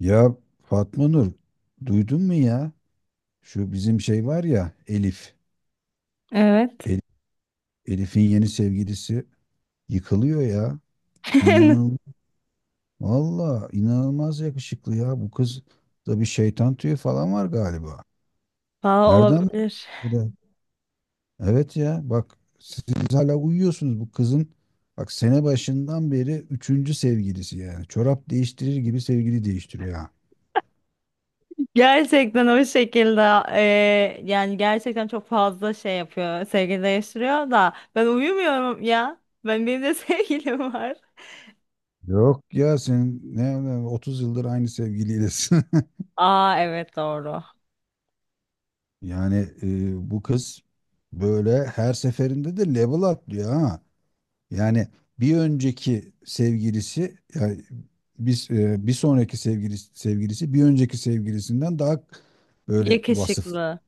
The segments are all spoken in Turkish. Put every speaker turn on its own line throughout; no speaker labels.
Ya, Fatma Nur, duydun mu ya? Şu bizim şey var ya, Elif.
Evet.
El- Elif'in yeni sevgilisi yıkılıyor ya. İnanıl Valla, inanılmaz yakışıklı ya. Bu kız da bir şeytan tüyü falan var galiba.
Valla
Nereden bu?
olabilir.
bu da- Evet ya, bak, siz hala uyuyorsunuz bu kızın. Bak, sene başından beri üçüncü sevgilisi yani. Çorap değiştirir gibi sevgili değiştiriyor ha.
Gerçekten o şekilde yani gerçekten çok fazla şey yapıyor. Sevgili değiştiriyor da ben uyumuyorum ya. Benim de sevgilim var.
Yok ya, sen 30 yıldır aynı sevgiliylesin.
Aa, evet, doğru.
Yani bu kız böyle her seferinde de level atlıyor ha. Yani bir önceki sevgilisi yani bir sonraki sevgilisi, bir önceki sevgilisinden daha böyle vasıflı,
Yakışıklı.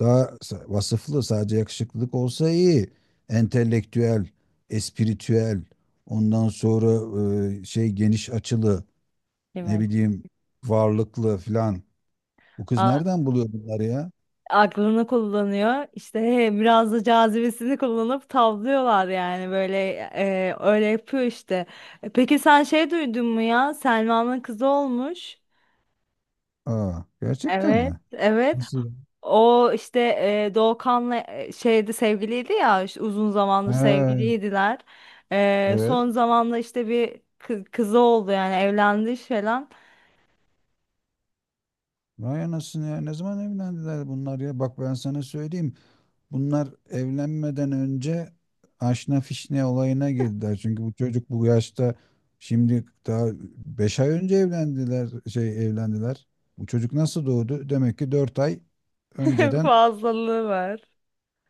vasıflı, sadece yakışıklılık olsa iyi. Entelektüel, espiritüel, ondan sonra geniş açılı, ne
Demek.
bileyim, varlıklı filan. Bu kız
A-
nereden buluyor bunları ya?
Aklını kullanıyor. İşte, biraz da cazibesini kullanıp tavlıyorlar yani böyle, öyle yapıyor işte. Peki sen şey duydun mu ya? Selma'nın kızı olmuş.
Aa, gerçekten
Evet,
mi?
evet.
Nasıl?
O işte, Doğukan'la şeydi, sevgiliydi ya, işte uzun zamandır
He,
sevgiliydiler.
evet.
Son zamanla işte bir kızı oldu, yani evlendi falan.
Vay anasını ya. Ne zaman evlendiler bunlar ya? Bak, ben sana söyleyeyim. Bunlar evlenmeden önce aşna fişne olayına girdiler. Çünkü bu çocuk bu yaşta şimdi daha 5 ay önce evlendiler, evlendiler. Bu çocuk nasıl doğdu? Demek ki 4 ay önceden
Fazlalığı var.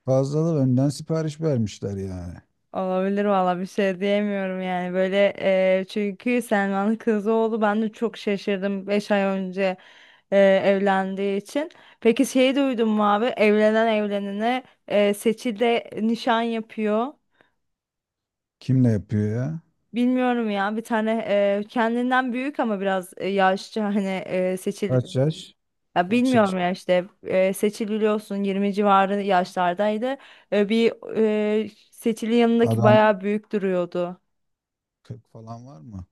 önden sipariş vermişler yani.
Olabilir valla, bir şey diyemiyorum yani böyle, çünkü Selman'ın kızı oldu, ben de çok şaşırdım 5 ay önce e, evlendiği için. Peki şeyi duydun mu abi? Evlenen evlenene, Seçil'de nişan yapıyor.
Kimle yapıyor ya?
Bilmiyorum ya, bir tane kendinden büyük, ama biraz yaşça, hani seçil,
Kaç yaş?
ya
Kaç yaş?
bilmiyorum ya, işte seçililiyorsun, 20 civarı yaşlardaydı. Bir seçili yanındaki
Adam
bayağı büyük duruyordu.
40 falan var mı?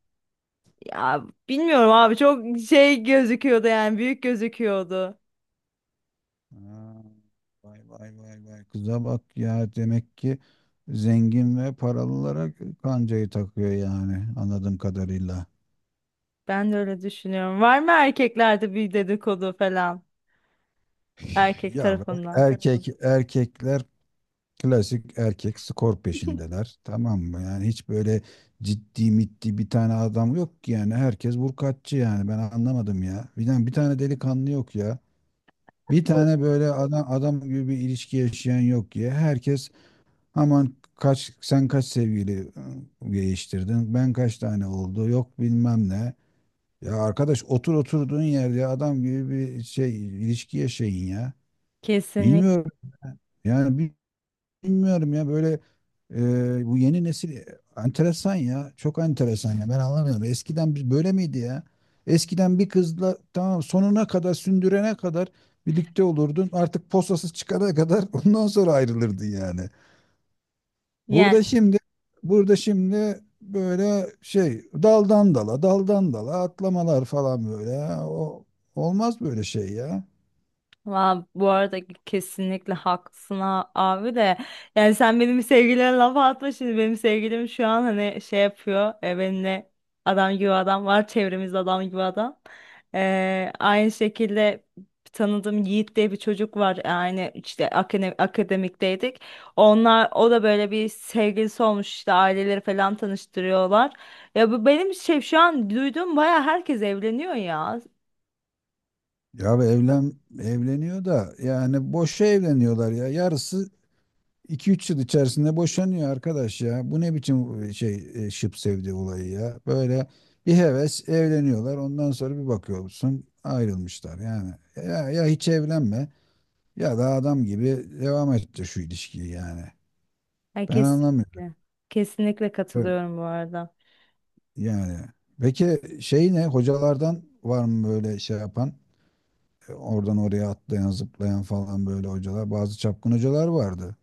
Ya bilmiyorum abi, çok şey gözüküyordu yani, büyük gözüküyordu.
Ha, vay vay vay vay, kıza bak ya, demek ki zengin ve paralılara kancayı takıyor yani, anladığım kadarıyla.
Ben de öyle düşünüyorum. Var mı erkeklerde bir dedikodu falan, erkek
Ya, böyle
tarafından?
erkekler klasik, erkek skor peşindeler, tamam mı? Yani hiç böyle ciddi mitti bir tane adam yok ki yani, herkes vurkaççı yani, ben anlamadım ya. Bir tane, bir tane delikanlı yok ya. Bir tane böyle adam adam gibi bir ilişki yaşayan yok ya. Herkes aman, kaç, sen kaç sevgili değiştirdin? Ben kaç tane oldu? Yok, bilmem ne. Ya arkadaş, otur oturduğun yerde adam gibi bir şey, ilişki yaşayın ya.
Kesinlikle.
Bilmiyorum. Yani bilmiyorum ya, böyle bu yeni nesil enteresan ya. Çok enteresan ya. Ben anlamıyorum. Eskiden biz böyle miydi ya? Eskiden bir kızla, tamam, sonuna kadar, sündürene kadar birlikte olurdun. Artık posasız çıkana kadar ondan sonra ayrılırdın yani. Burada şimdi burada şimdi böyle şey, daldan dala, daldan dala atlamalar falan, böyle o olmaz böyle şey ya.
Bu arada kesinlikle haklısın abi de. Yani sen benim sevgilime laf atma, şimdi benim sevgilim şu an hani şey yapıyor benimle. Adam gibi adam var çevremizde, adam gibi adam. Aynı şekilde tanıdığım Yiğit diye bir çocuk var, yani işte akademikteydik onlar. O da böyle, bir sevgilisi olmuş, işte aileleri falan tanıştırıyorlar. Ya bu benim şey, şu an duyduğum, baya herkes evleniyor ya.
Ya bu evlen evleniyor da yani, boşa evleniyorlar ya. Yarısı 2-3 yıl içerisinde boşanıyor arkadaş ya. Bu ne biçim şıp sevdi olayı ya. Böyle bir heves evleniyorlar. Ondan sonra bir bakıyorsun ayrılmışlar yani. Ya, ya hiç evlenme, ya da adam gibi devam etti şu ilişkiyi yani.
Ay,
Ben anlamıyorum.
kesinlikle. Kesinlikle
Evet.
katılıyorum bu arada.
Yani, peki, ne hocalardan var mı böyle şey yapan? Oradan oraya atlayan, zıplayan falan, böyle hocalar, bazı çapkın hocalar vardı.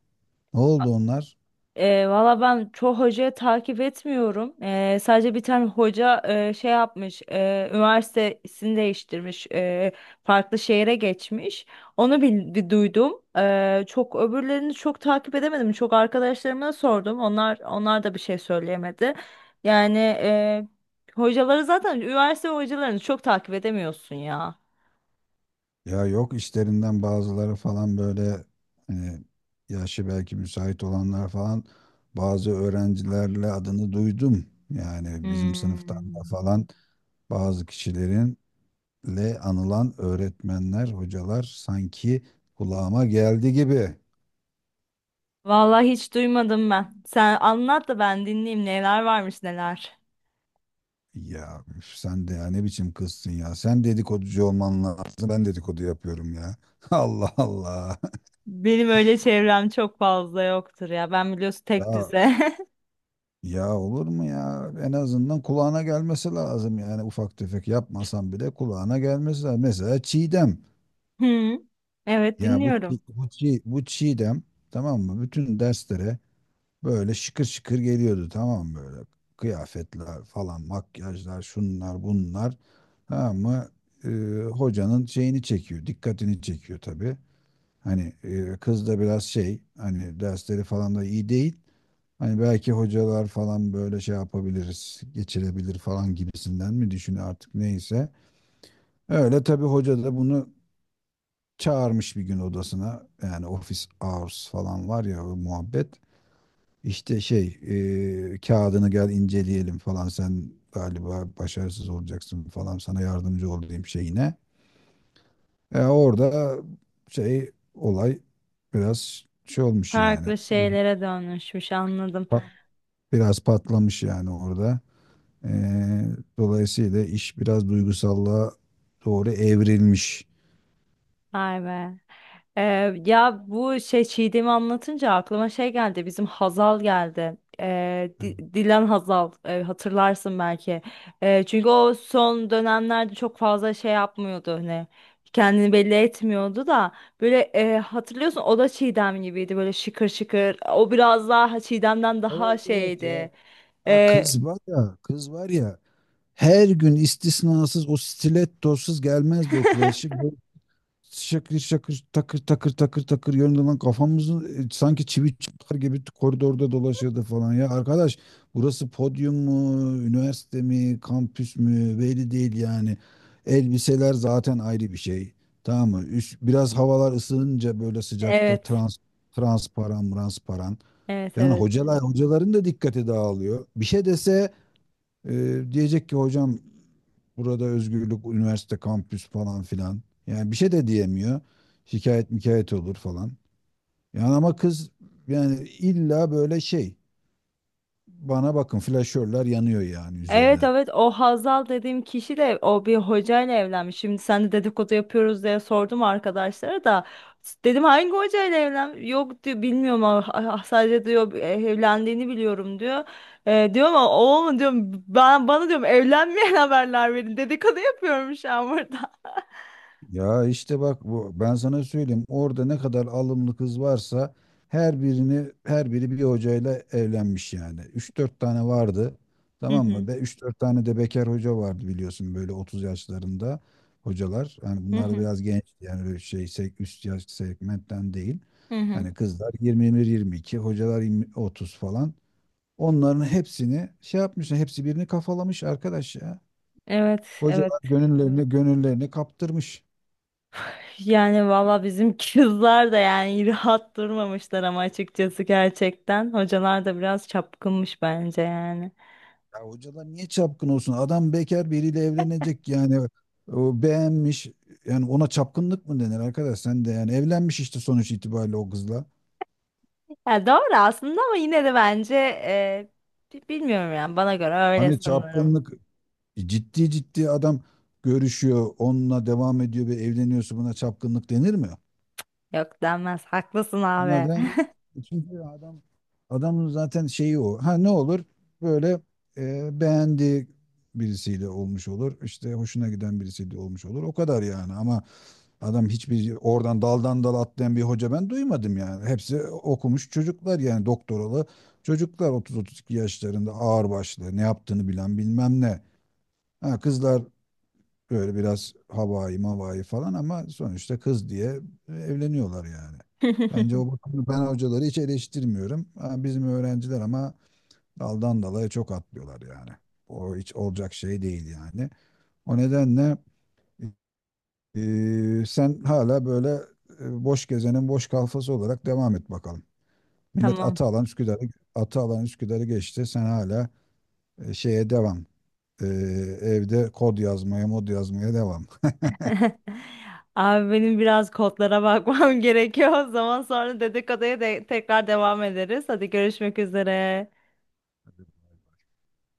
Ne oldu onlar?
Valla ben çoğu hocayı takip etmiyorum. Sadece bir tane hoca şey yapmış, üniversitesini değiştirmiş, farklı şehre geçmiş. Onu bir duydum. E, çok Öbürlerini çok takip edemedim. Çok arkadaşlarıma sordum. Onlar da bir şey söyleyemedi. Yani, hocaları zaten, üniversite hocalarını çok takip edemiyorsun ya.
Ya yok, işlerinden bazıları falan, böyle hani yaşı belki müsait olanlar falan, bazı öğrencilerle adını duydum. Yani bizim sınıftan da
Hmm.
falan bazı kişilerinle anılan öğretmenler, hocalar sanki kulağıma geldi gibi.
Vallahi hiç duymadım ben. Sen anlat da ben dinleyeyim, neler varmış neler.
Ya üf, sen de ya, ne biçim kızsın ya. Sen dedikoducu olman lazım. Ben dedikodu yapıyorum ya. Allah Allah.
Benim öyle çevrem çok fazla yoktur ya. Ben, biliyorsun, tek
Ya,
düze.
ya olur mu ya? En azından kulağına gelmesi lazım yani, ufak tefek yapmasan bile kulağına gelmesi lazım. Mesela Çiğdem.
Hı. Evet,
Ya bu
dinliyorum.
Çiğdem, tamam mı? Bütün derslere böyle şıkır şıkır geliyordu, tamam mı böyle? Kıyafetler falan, makyajlar, şunlar, bunlar. Tamam mı? Ee, hocanın şeyini çekiyor, dikkatini çekiyor tabii. Hani kız da biraz şey, hani dersleri falan da iyi değil. Hani belki hocalar falan böyle şey yapabiliriz, geçirebilir falan gibisinden mi düşünüyor artık, neyse. Öyle tabii, hoca da bunu çağırmış bir gün odasına. Yani office hours falan var ya, o muhabbet. İşte kağıdını gel inceleyelim falan, sen galiba başarısız olacaksın falan, sana yardımcı olayım şeyine. Orada olay biraz şey olmuş yani.
Farklı şeylere dönüşmüş, anladım.
Biraz patlamış yani orada. Ee, dolayısıyla iş biraz duygusallığa doğru evrilmiş.
Vay be. Ya bu şey, Çiğdem'i anlatınca aklıma şey geldi, bizim Hazal geldi. Dilan Hazal, hatırlarsın belki. Çünkü o son dönemlerde çok fazla şey yapmıyordu, hani kendini belli etmiyordu da, böyle hatırlıyorsun, o da Çiğdem gibiydi, böyle şıkır şıkır. O biraz daha Çiğdem'den daha
Evet, evet ya.
şeydi.
Ha,
Ee,
kız var ya, kız var ya. Her gün istisnasız o stilettosuz gelmezdi okula. Şakır şakır, takır takır takır takır yönünden kafamızın sanki çivi çakar gibi koridorda dolaşırdı falan ya. Arkadaş, burası podyum mu, üniversite mi, kampüs mü, belli değil yani. Elbiseler zaten ayrı bir şey. Tamam mı? Üst, biraz havalar ısınınca böyle sıcakta
evet,
transparan transparan.
evet,
Yani
evet.
hocalar, da dikkati dağılıyor. Bir şey dese diyecek ki hocam, burada özgürlük, üniversite, kampüs falan filan. Yani bir şey de diyemiyor. Şikayet mikayet olur falan. Yani ama kız, yani illa böyle şey, bana bakın, flaşörler yanıyor yani
Evet,
üzerine.
evet, o Hazal dediğim kişi de o bir hocayla evlenmiş. Şimdi sen de dedikodu yapıyoruz diye sordum arkadaşlara da, dedim hangi hocayla evlen? Yok diyor, bilmiyorum ama, sadece diyor evlendiğini biliyorum diyor. Diyorum ama, o mu diyorum, ben bana diyorum, evlenmeyen haberler verin, dedikodu yapıyorum şu an burada.
Ya işte bak, bu ben sana söyleyeyim, orada ne kadar alımlı kız varsa her biri bir hocayla evlenmiş yani. 3-4 tane vardı.
Hı
Tamam mı?
hı.
Ve 3-4 tane de bekar hoca vardı, biliyorsun, böyle 30 yaşlarında hocalar. Yani
Hı
bunlar
hı.
da biraz genç yani, böyle şey, üst yaş segmentten değil.
Hı hı.
Hani kızlar 21, 22, hocalar 20 30 falan. Onların hepsini şey yapmışlar, hepsi birini kafalamış arkadaş ya.
Evet, evet.
Hocalar gönüllerini kaptırmış.
Yani valla, bizim kızlar da yani rahat durmamışlar ama, açıkçası gerçekten. Hocalar da biraz çapkınmış bence yani.
Ya hocalar niye çapkın olsun? Adam bekar biriyle evlenecek yani. O beğenmiş. Yani ona çapkınlık mı denir arkadaş? Sen de yani evlenmiş işte sonuç itibariyle o kızla.
Ya doğru aslında ama, yine de bence bilmiyorum yani, bana göre öyle
Hani
sanırım.
çapkınlık, ciddi ciddi adam görüşüyor, onunla devam ediyor ve evleniyorsa buna çapkınlık denir mi?
Yok, denmez. Haklısın
Ona
abi.
den Çünkü adam, adamın zaten şeyi o. Ha, ne olur? Böyle beğendiği birisiyle olmuş olur. İşte hoşuna giden birisiyle olmuş olur. O kadar yani ama adam, hiçbir oradan daldan dala atlayan bir hoca ben duymadım yani. Hepsi okumuş çocuklar yani, doktoralı çocuklar 30-32 yaşlarında, ağırbaşlı, ne yaptığını bilen, bilmem ne. Ha, kızlar böyle biraz havai mavai falan, ama sonuçta kız diye evleniyorlar yani. Bence o bakımda ben hocaları hiç eleştirmiyorum. Ha, bizim öğrenciler ama daldan dalaya çok atlıyorlar yani. O hiç olacak şey değil yani. O nedenle sen hala böyle boş gezenin boş kalfası olarak devam et bakalım. Millet
Tamam.
atı alan Üsküdar'ı geçti. Sen hala şeye devam. Ee, evde kod yazmaya, mod yazmaya devam.
Abi benim biraz kodlara bakmam gerekiyor. O zaman sonra dedikoduya de tekrar devam ederiz. Hadi, görüşmek üzere.
Hadi, bay bay.